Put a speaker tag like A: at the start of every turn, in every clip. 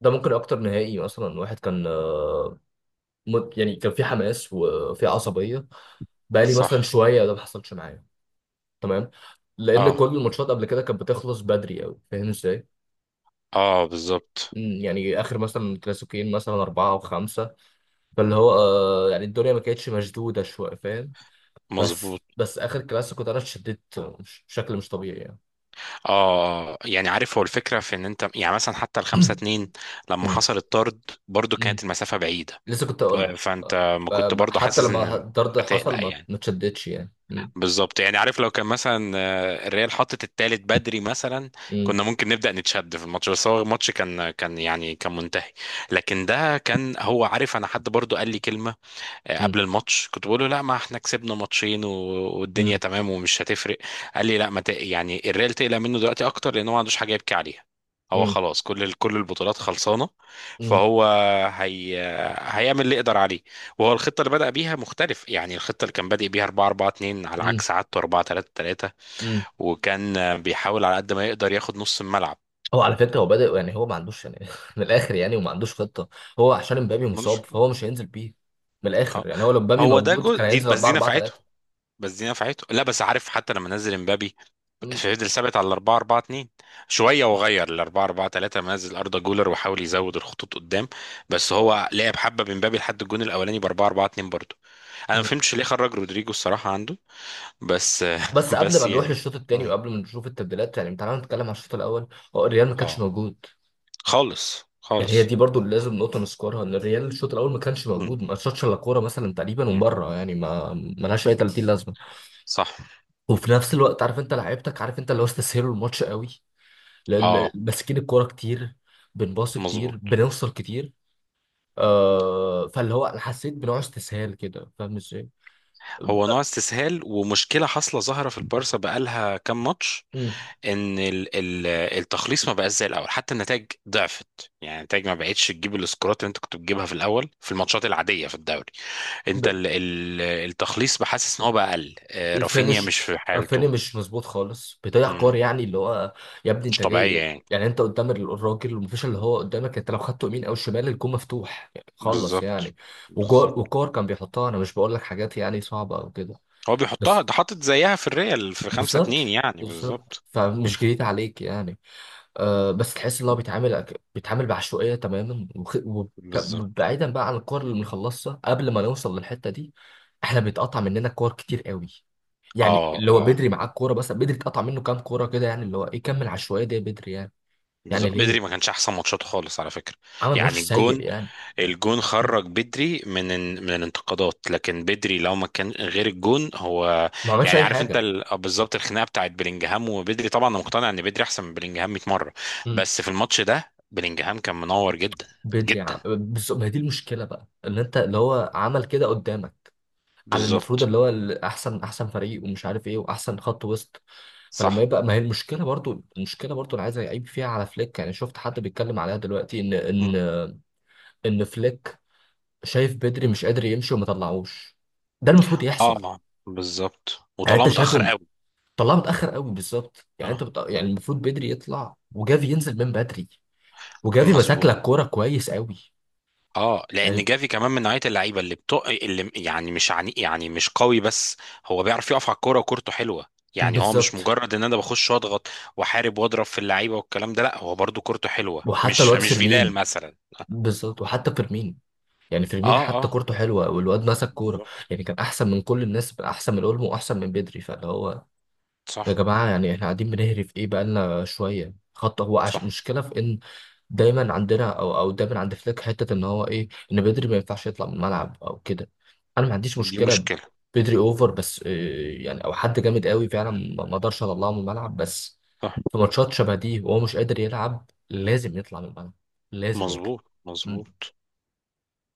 A: ده ممكن اكتر نهائي مثلا واحد كان يعني كان في حماس وفي عصبيه. بقالي مثلا
B: صح.
A: شويه، ده ما حصلش معايا. تمام. لان كل
B: اه،
A: الماتشات قبل كده كانت بتخلص بدري قوي. فاهم ازاي؟
B: اه، بالظبط.
A: يعني اخر مثلا كلاسيكيين، مثلا 4 او 5. فاللي هو يعني الدنيا ما كانتش مشدوده شويه. فاهم؟
B: مظبوط.
A: بس اخر كلاسيكو ده انا اتشددت بشكل مش طبيعي يعني.
B: اه. آه. يعني عارف هو الفكره في ان انت يعني مثلا حتى الخمسة اتنين لما
A: مم،
B: حصل الطرد برضو
A: مم.
B: كانت المسافه بعيده.
A: لسه كنت
B: ف-
A: اقول لك.
B: فانت ما كنت برضو
A: حتى
B: حاسس ان
A: لما
B: مش
A: الطرد حصل
B: هتقلق
A: ما
B: يعني.
A: ما اتشددتش يعني. مم،
B: بالظبط. يعني عارف لو كان مثلا الريال حطت التالت بدري مثلا،
A: مم،
B: كنا ممكن نبدا نتشد في الماتش، بس هو الماتش كان يعني كان منتهي. لكن ده كان، هو عارف، انا حد برضو قال لي كلمه
A: مم.
B: قبل الماتش، كنت بقول له لا ما احنا كسبنا ماتشين والدنيا
A: مم.
B: تمام ومش هتفرق. قال لي لا، ما ت... يعني الريال تقلق منه دلوقتي اكتر لان هو ما عندوش حاجه يبكي عليها. هو
A: امم.
B: خلاص، كل البطولات خلصانه.
A: امم.
B: فهو هي... هيعمل اللي يقدر عليه. وهو الخطه اللي بدأ بيها مختلف، يعني الخطه اللي كان بادئ بيها 4-4-2 على
A: امم.
B: عكس عادته 4-3-3.
A: امم.
B: وكان بيحاول على قد ما يقدر ياخد نص الملعب.
A: هو على فكره هو بادئ، يعني هو ما عندوش يعني من الاخر يعني، وما عندوش خطه. هو عشان امبابي مصاب
B: ملوش-
A: فهو مش هينزل بيه. من الاخر
B: اه،
A: يعني هو لو امبابي
B: هو ده
A: موجود
B: جزء،
A: كان
B: دي
A: هينزل
B: بس
A: 4
B: دي
A: 4
B: نفعته
A: 3.
B: بس دي نفعته لا بس عارف، حتى لما نزل امبابي
A: امم.
B: فضل ثابت على 4-4-2 شويه وغير ل 4-4-3، نزل اردا جولر وحاول يزود الخطوط قدام. بس
A: اه.
B: هو لعب حبه من بابي لحد الجون الاولاني ب 4-4-2 برضه. انا ما
A: امم.
B: فهمتش ليه خرج رودريجو، الصراحه عنده. بس
A: بس قبل
B: بس
A: ما نروح
B: يعني.
A: للشوط الثاني وقبل ما نشوف التبديلات يعني، تعالى نتكلم على الشوط الاول. هو الريال ما كانش
B: اه،
A: موجود.
B: خالص
A: يعني هي
B: خالص.
A: دي برضو اللي لازم نقطه نذكرها، ان الريال الشوط الاول ما كانش
B: مم.
A: موجود، ما شاطش الا كوره مثلا تقريبا ومن
B: مم.
A: بره، يعني ما لهاش اي 30 لازمه.
B: صح.
A: وفي نفس الوقت عارف انت لعيبتك، عارف انت اللي هو استسهلوا الماتش قوي. لان
B: اه.
A: ماسكين الكوره كتير، بنباص كتير،
B: مظبوط.
A: بنوصل كتير. فاللي هو انا حسيت بنوع استسهال كده. فاهم ازاي؟
B: هو نوع استسهال، ومشكله حاصله ظاهره في البارسا بقالها كام ماتش،
A: مم.
B: ان التخليص ما بقاش زي الاول، حتى النتائج ضعفت، يعني النتائج ما بقتش تجيب السكورات اللي انت كنت بتجيبها في الاول في الماتشات العاديه في الدوري. انت
A: ب-
B: التخليص بحاسس ان هو بقى اقل. رافينيا مش
A: الفينش.
B: في حالته.
A: رافينيا مش مظبوط خالص، بيضيع
B: مم.
A: كور يعني اللي هو. يا ابني
B: مش
A: انت
B: طبيعيه
A: جاي.
B: يعني.
A: يعني انت قدام الراجل ومفيش اللي هو قدامك، انت لو خدته يمين او شمال الجون مفتوح يعني، خلص
B: بالظبط.
A: يعني.
B: بالظبط.
A: وكور كان بيحطها، انا مش بقول لك حاجات يعني صعبه او كده.
B: هو بيحطها،
A: بس.
B: ده حاطط زيها في الريال في 5-2
A: بالظبط،
B: يعني،
A: بالظبط،
B: بالظبط.
A: فمش جديد عليك يعني. بس تحس ان هو بيتعامل بيتعامل بعشوائيه تماما.
B: بالظبط.
A: بعيدا بقى عن الكور اللي بنخلصها قبل ما نوصل للحته دي، احنا بيتقطع مننا كور كتير قوي. يعني
B: اه،
A: اللي هو
B: اه،
A: بدري معاه الكوره، بس بدري اتقطع منه كام كوره كده، يعني اللي هو ايه؟ كمل عشوائيه دي يا بدري يعني. يعني
B: بالظبط. بدري ما
A: ليه؟
B: كانش احسن ماتشاته خالص على فكره.
A: عمل ماتش
B: يعني
A: سيء
B: الجون
A: يعني.
B: الجون
A: مم.
B: خرج بدري من من الانتقادات. لكن بدري لو ما كان غير الجون، هو،
A: ما عملش
B: يعني
A: اي
B: عارف انت،
A: حاجه.
B: بالظبط، الخناقه بتاعت بلينجهام وبدري، طبعا انا مقتنع ان بدري احسن من بلينجهام 100 مره،
A: مم.
B: بس في الماتش ده بلينجهام كان منور جدا. جدا.
A: بس ما هي دي المشكله بقى، ان انت اللي هو عمل كده قدامك. على المفروض
B: بالظبط.
A: اللي هو احسن احسن فريق ومش عارف ايه واحسن خط وسط. فلما
B: صح.
A: يبقى، ما هي المشكله برضو، المشكله برضو انا عايز اعيب فيها على فليك. يعني شفت حد بيتكلم عليها دلوقتي، ان
B: م.
A: ان فليك شايف بدري مش قادر يمشي وما طلعوش. ده المفروض يحصل.
B: اه، بالظبط،
A: يعني
B: وطلعه
A: انت شايفه
B: متاخر قوي.
A: طلعه متاخر قوي بالظبط. يعني انت
B: اه.
A: يعني المفروض بدري يطلع وجافي ينزل من بدري. وجافي ماسك
B: مظبوط.
A: لك كوره كويس قوي
B: اه،
A: يعني.
B: لان جافي كمان من نوعيه اللعيبه اللي يعني مش عني، يعني مش قوي بس. هو بيعرف يقف على الكوره وكورته حلوه. يعني هو مش
A: بالظبط.
B: مجرد ان انا بخش واضغط واحارب واضرب في اللعيبه والكلام ده، لا، هو برضو كورته حلوه،
A: وحتى
B: مش
A: الواد
B: مش فيدال
A: فيرمين،
B: مثلا.
A: بالظبط وحتى فيرمين. يعني فيرمين
B: اه.
A: حتى
B: اه.
A: كورته حلوه والواد مسك كوره.
B: بالظبط.
A: يعني كان احسن من كل الناس، احسن من اولمو واحسن من بدري فاللي هو. يا
B: صح.
A: جماعة، يعني احنا قاعدين بنهري في ايه بقالنا شوية خط. هو
B: صح.
A: مشكلة في ان دايما عندنا او دايما عند فليك حتة، ان هو ايه، ان بدري ما ينفعش يطلع من الملعب او كده. انا ما عنديش
B: دي
A: مشكلة
B: مشكله.
A: بدري اوفر، بس إيه يعني، او حد جامد قوي فعلا ما اقدرش اطلعه من الملعب. بس
B: صح.
A: في ماتشات شبه دي وهو مش قادر يلعب لازم يطلع من الملعب. لازم يطلع.
B: مظبوط.
A: مم.
B: مظبوط.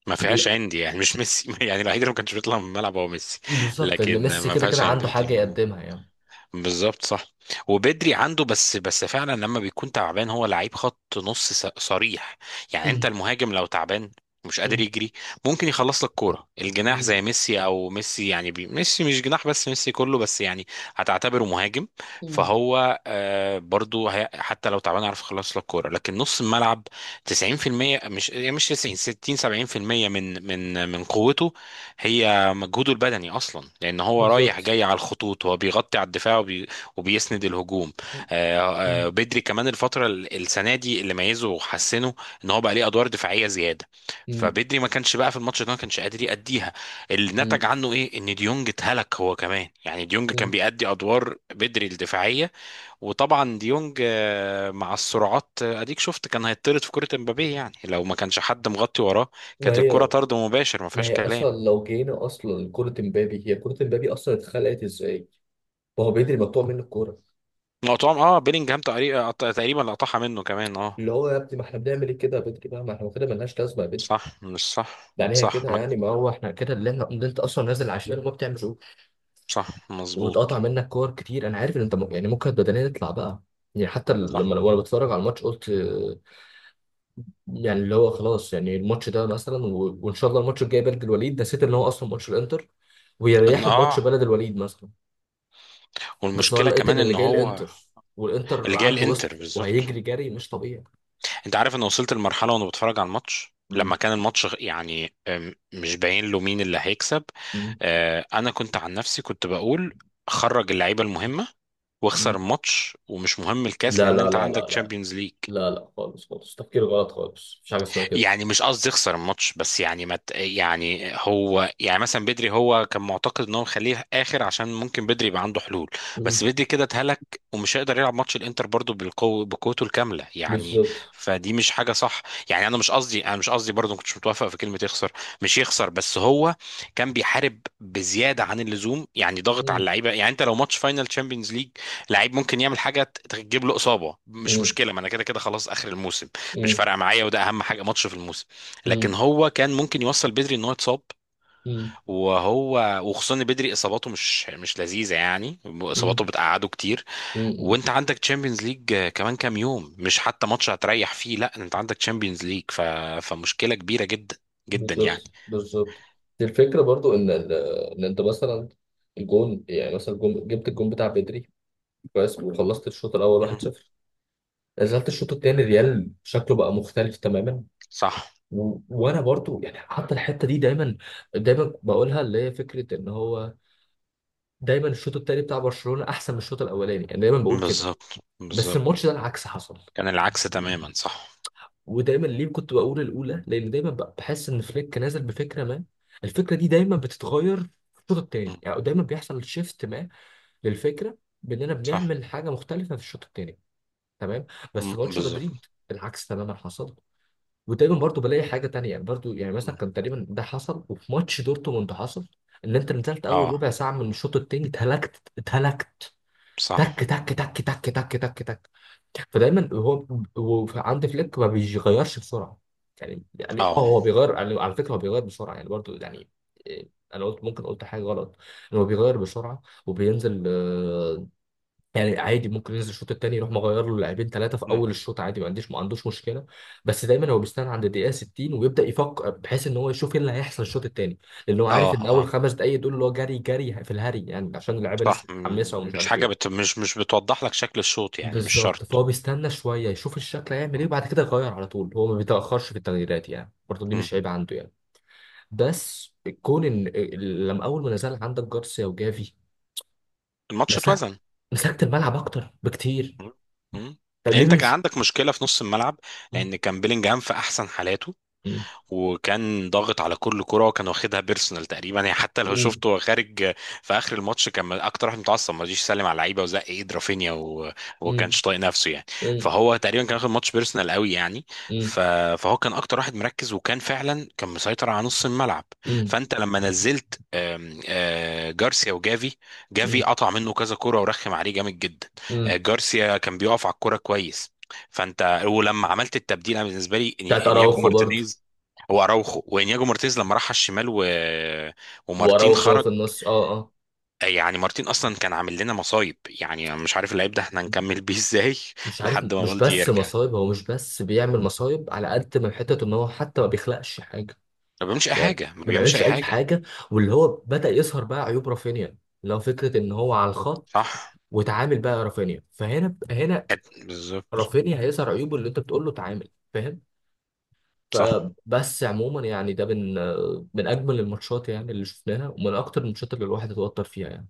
B: ما
A: يجي
B: فيهاش
A: لأ.
B: عندي، يعني مش ميسي يعني الوحيد اللي ما كانش بيطلع من الملعب هو ميسي.
A: بالظبط، لان
B: لكن
A: ميسي
B: ما
A: كده كده
B: فيهاش
A: عنده
B: عندي دي.
A: حاجة يقدمها يعني.
B: بالظبط. صح. وبدري عنده، بس فعلا لما بيكون تعبان هو لعيب خط نص صريح. يعني انت
A: مم.
B: المهاجم لو تعبان مش قادر
A: مم.
B: يجري ممكن يخلص لك كوره الجناح،
A: مم.
B: زي ميسي او ميسي يعني ميسي مش جناح، بس ميسي كله بس يعني هتعتبره مهاجم.
A: مم.
B: فهو برضو حتى لو تعبان يعرف يخلص لك كوره، لكن نص الملعب 90% مش، يعني مش 90، 60، 70% من من قوته. هي مجهوده البدني اصلا، لان هو رايح
A: بالظبط.
B: جاي على الخطوط، هو بيغطي على الدفاع وبيسند الهجوم.
A: مم.
B: بدري كمان الفتره السنه دي اللي ميزه وحسنه ان هو بقى ليه ادوار دفاعيه زياده.
A: مم.
B: فبدري ما كانش، بقى في الماتش ده ما كانش قادر يأديها. اللي
A: مم.
B: نتج عنه ايه، ان ديونج اتهلك هو كمان، يعني ديونج كان
A: مم.
B: بيأدي ادوار بدري الدفاعيه. وطبعا ديونج مع السرعات، اديك شفت كان هيطرد في كره امبابيه، يعني لو ما كانش حد مغطي وراه
A: ما
B: كانت الكره
A: هي
B: طرد مباشر ما
A: ما
B: فيهاش
A: هي
B: كلام.
A: اصلا لو جينا اصلا لكرة امبابي، هي كرة امبابي اصلا اتخلقت ازاي؟ ما هو بدري مقطوع منه الكورة.
B: مقطوعة، اه، بيلينجهام تقريبا تقريبا لقطعها منه كمان. اه.
A: اللي هو يا ابني، ما احنا بنعمل ايه كده يا بدري بقى؟ ما احنا كده ملناش لازمة يا بدري.
B: صح. مش، صح،
A: يعني هي
B: صح.
A: كده يعني، ما هو احنا كده، اللي انت اصلا نازل عشان ما بتعملش إيه؟
B: صح.
A: واتقطع
B: مظبوط.
A: منك كور كتير، انا عارف ان انت يعني ممكن بدنيا تطلع بقى. يعني حتى
B: صح.
A: لما وانا بتفرج على الماتش قلت. يعني اللي هو خلاص يعني الماتش ده مثلا وان شاء الله الماتش الجاي بلد الوليد، نسيت ان هو اصلا ماتش الانتر،
B: ان،
A: ويريحوا بماتش
B: اه،
A: بلد الوليد مثلا. بس هو
B: والمشكلة
A: لقيت ان
B: كمان
A: اللي
B: ان
A: جاي
B: هو،
A: الانتر، والانتر
B: اللي جاي
A: عنده
B: الانتر،
A: وسط
B: بالظبط.
A: وهيجري جري مش طبيعي.
B: انت عارف، انا وصلت لمرحلة وانا بتفرج على الماتش
A: مم.
B: لما كان الماتش يعني مش باين له مين اللي هيكسب.
A: مم.
B: انا كنت، عن نفسي كنت بقول خرج اللعيبة المهمة واخسر
A: مم.
B: الماتش، ومش مهم الكاس،
A: لا،
B: لان
A: لا،
B: انت
A: لا،
B: عندك
A: لا، لا.
B: تشامبيونز ليج.
A: لا، لا خالص خالص، تفكير غلط خالص، مفيش حاجه اسمها كده.
B: يعني مش قصدي يخسر الماتش، بس يعني، يعني هو، يعني مثلا بدري، هو كان معتقد ان هو مخليه اخر عشان ممكن بدري يبقى عنده حلول. بس
A: مم.
B: بدري كده اتهلك، ومش هيقدر يلعب ماتش الانتر برضو بالقوه بقوته الكامله يعني.
A: بالظبط.
B: فدي مش حاجه صح. يعني انا مش قصدي برضو ما كنتش متوافق في كلمه يخسر. مش يخسر، بس هو كان بيحارب بزياده عن اللزوم، يعني ضغط على
A: مم.
B: اللعيبه. يعني انت لو ماتش فاينل تشامبيونز ليج، لعيب ممكن يعمل حاجه تجيب له اصابه مش
A: مم.
B: مشكله، ما انا كده كده خلاص اخر الموسم، مش
A: مم.
B: فارقه معايا، وده اهم حاجه ماتش في الموسم. لكن
A: مم.
B: هو كان ممكن يوصل بدري ان هو يتصاب،
A: مم.
B: وهو وخصوصا ان بدري اصاباته مش لذيذه يعني، اصاباته
A: مم.
B: بتقعده كتير،
A: مم.
B: وانت عندك تشامبيونز ليج كمان كام يوم، مش حتى ماتش هتريح فيه، لا، انت عندك تشامبيونز ليج فمشكله كبيره جدا. جدا يعني.
A: بالظبط، بالظبط. دي الفكره برضو ان انت مثلا الجون، يعني مثلا الجون، جبت الجون بتاع بدري كويس وخلصت الشوط الاول
B: مم.
A: 1-0. نزلت الشوط الثاني، ريال شكله بقى مختلف تماما.
B: صح.
A: وانا برضو يعني حتى الحته دي دايما، دايما بقولها، اللي هي فكره ان هو دايما الشوط الثاني بتاع برشلونه احسن من الشوط الاولاني يعني، دايما بقول كده.
B: بالظبط.
A: بس
B: بالظبط.
A: الماتش ده العكس حصل.
B: كان العكس تماما، صح.
A: ودايما ليه كنت بقول الاولى، لان دايما بحس ان فليك نازل بفكره ما. الفكره دي دايما بتتغير في الشوط الثاني،
B: مم.
A: يعني دايما بيحصل شيفت ما للفكره باننا
B: صح.
A: بنعمل حاجه مختلفه في الشوط الثاني. تمام. بس
B: مم.
A: ماتش مدريد
B: بالظبط.
A: العكس تماما حصل. وتقريبا برضو بلاقي حاجه تانية، يعني برضو يعني مثلا
B: مم.
A: كان تقريبا ده حصل وفي ماتش دورتموند حصل، ان انت نزلت اول
B: اه.
A: ربع ساعه من الشوط التاني، اتهلكت اتهلكت.
B: صح.
A: تك تك تك تك تك. تك. تك. فدايما هو عند فليك ما بيغيرش بسرعه. يعني اه،
B: اه.
A: هو بيغير يعني، على فكره هو بيغير بسرعه يعني برضو يعني. إيه، انا قلت، ممكن قلت حاجه غلط، ان هو بيغير بسرعه وبينزل. يعني عادي ممكن ينزل الشوط التاني يروح مغير له لاعبين 3 في
B: مم.
A: اول الشوط عادي، ما عندوش مشكله. بس دايما هو بيستنى عند الدقيقه 60 ويبدا يفكر، بحيث ان هو يشوف ايه اللي هيحصل الشوط التاني. لان هو عارف ان
B: اه.
A: اول 5 دقائق دول اللي هو جري جري في الهري يعني، عشان اللعيبه
B: صح.
A: لسه متحمسه ومش
B: مش
A: عارف
B: حاجة
A: ايه.
B: مش بتوضح لك شكل الشوط يعني، مش
A: بالظبط.
B: شرط.
A: فهو بيستنى شويه يشوف الشكل هيعمل ايه، وبعد كده يغير على طول. هو ما بيتاخرش في التغييرات يعني، برضه دي
B: مم.
A: مش عيب عنده يعني. بس كون ان لما اول ما نزل عندك جارسيا وجافي،
B: الماتش
A: مسكت
B: اتوزن.
A: مسكت الملعب اكتر بكتير.
B: مم. مم.
A: طب
B: لان
A: ليه
B: انت كان
A: مش؟
B: عندك مشكلة في نص الملعب، لان كان بيلينجهام في احسن حالاته،
A: مم.
B: وكان ضاغط على كل كرة وكان واخدها بيرسونال تقريبا يعني. حتى لو
A: مم.
B: شفته وهو خارج في اخر الماتش كان اكتر واحد متعصب، ما رضيش يسلم على اللعيبه وزق ايد رافينيا وما
A: مم.
B: كانش طايق نفسه يعني.
A: مم.
B: فهو تقريبا كان واخد ماتش بيرسونال قوي يعني.
A: مم.
B: ف- فهو كان اكتر واحد مركز، وكان فعلا كان مسيطر على نص الملعب.
A: مم.
B: فانت لما نزلت آم، آه، جارسيا وجافي، جافي
A: مم.
B: قطع منه كذا كرة ورخم عليه جامد جدا.
A: مم.
B: جارسيا كان بيقف على الكرة كويس. فانت ولما عملت التبديل انا بالنسبه لي
A: بتاعت
B: انياجو
A: اراوخو برضو.
B: مارتينيز، هو اراوخو وانياجو مارتيز لما راح على الشمال ومارتين
A: واراوخو
B: خرج.
A: في النص، اه اه.
B: يعني مارتين اصلا كان عامل لنا مصايب يعني، أنا مش عارف اللعيب ده احنا هنكمل بيه ازاي
A: مش عارف،
B: لحد ما
A: مش
B: بالدي
A: بس
B: يرجع.
A: مصايب، هو مش بس بيعمل مصايب على قد ما حته ان هو حتى ما بيخلقش حاجه.
B: ما بيعملش اي
A: يعني
B: حاجه، ما
A: ما
B: بيعملش
A: بيعملش
B: اي
A: اي
B: حاجه.
A: حاجه. واللي هو بدأ يظهر بقى عيوب رافينيا، اللي هو فكره ان هو على الخط.
B: صح.
A: وتعامل بقى رافينيا فهنا، هنا
B: بالظبط.
A: رافينيا هيظهر عيوبه اللي انت بتقول له تعامل. فاهم؟
B: صح.
A: فبس عموما يعني ده من من اجمل الماتشات يعني اللي شفناها، ومن اكتر الماتشات اللي الواحد اتوتر فيها يعني.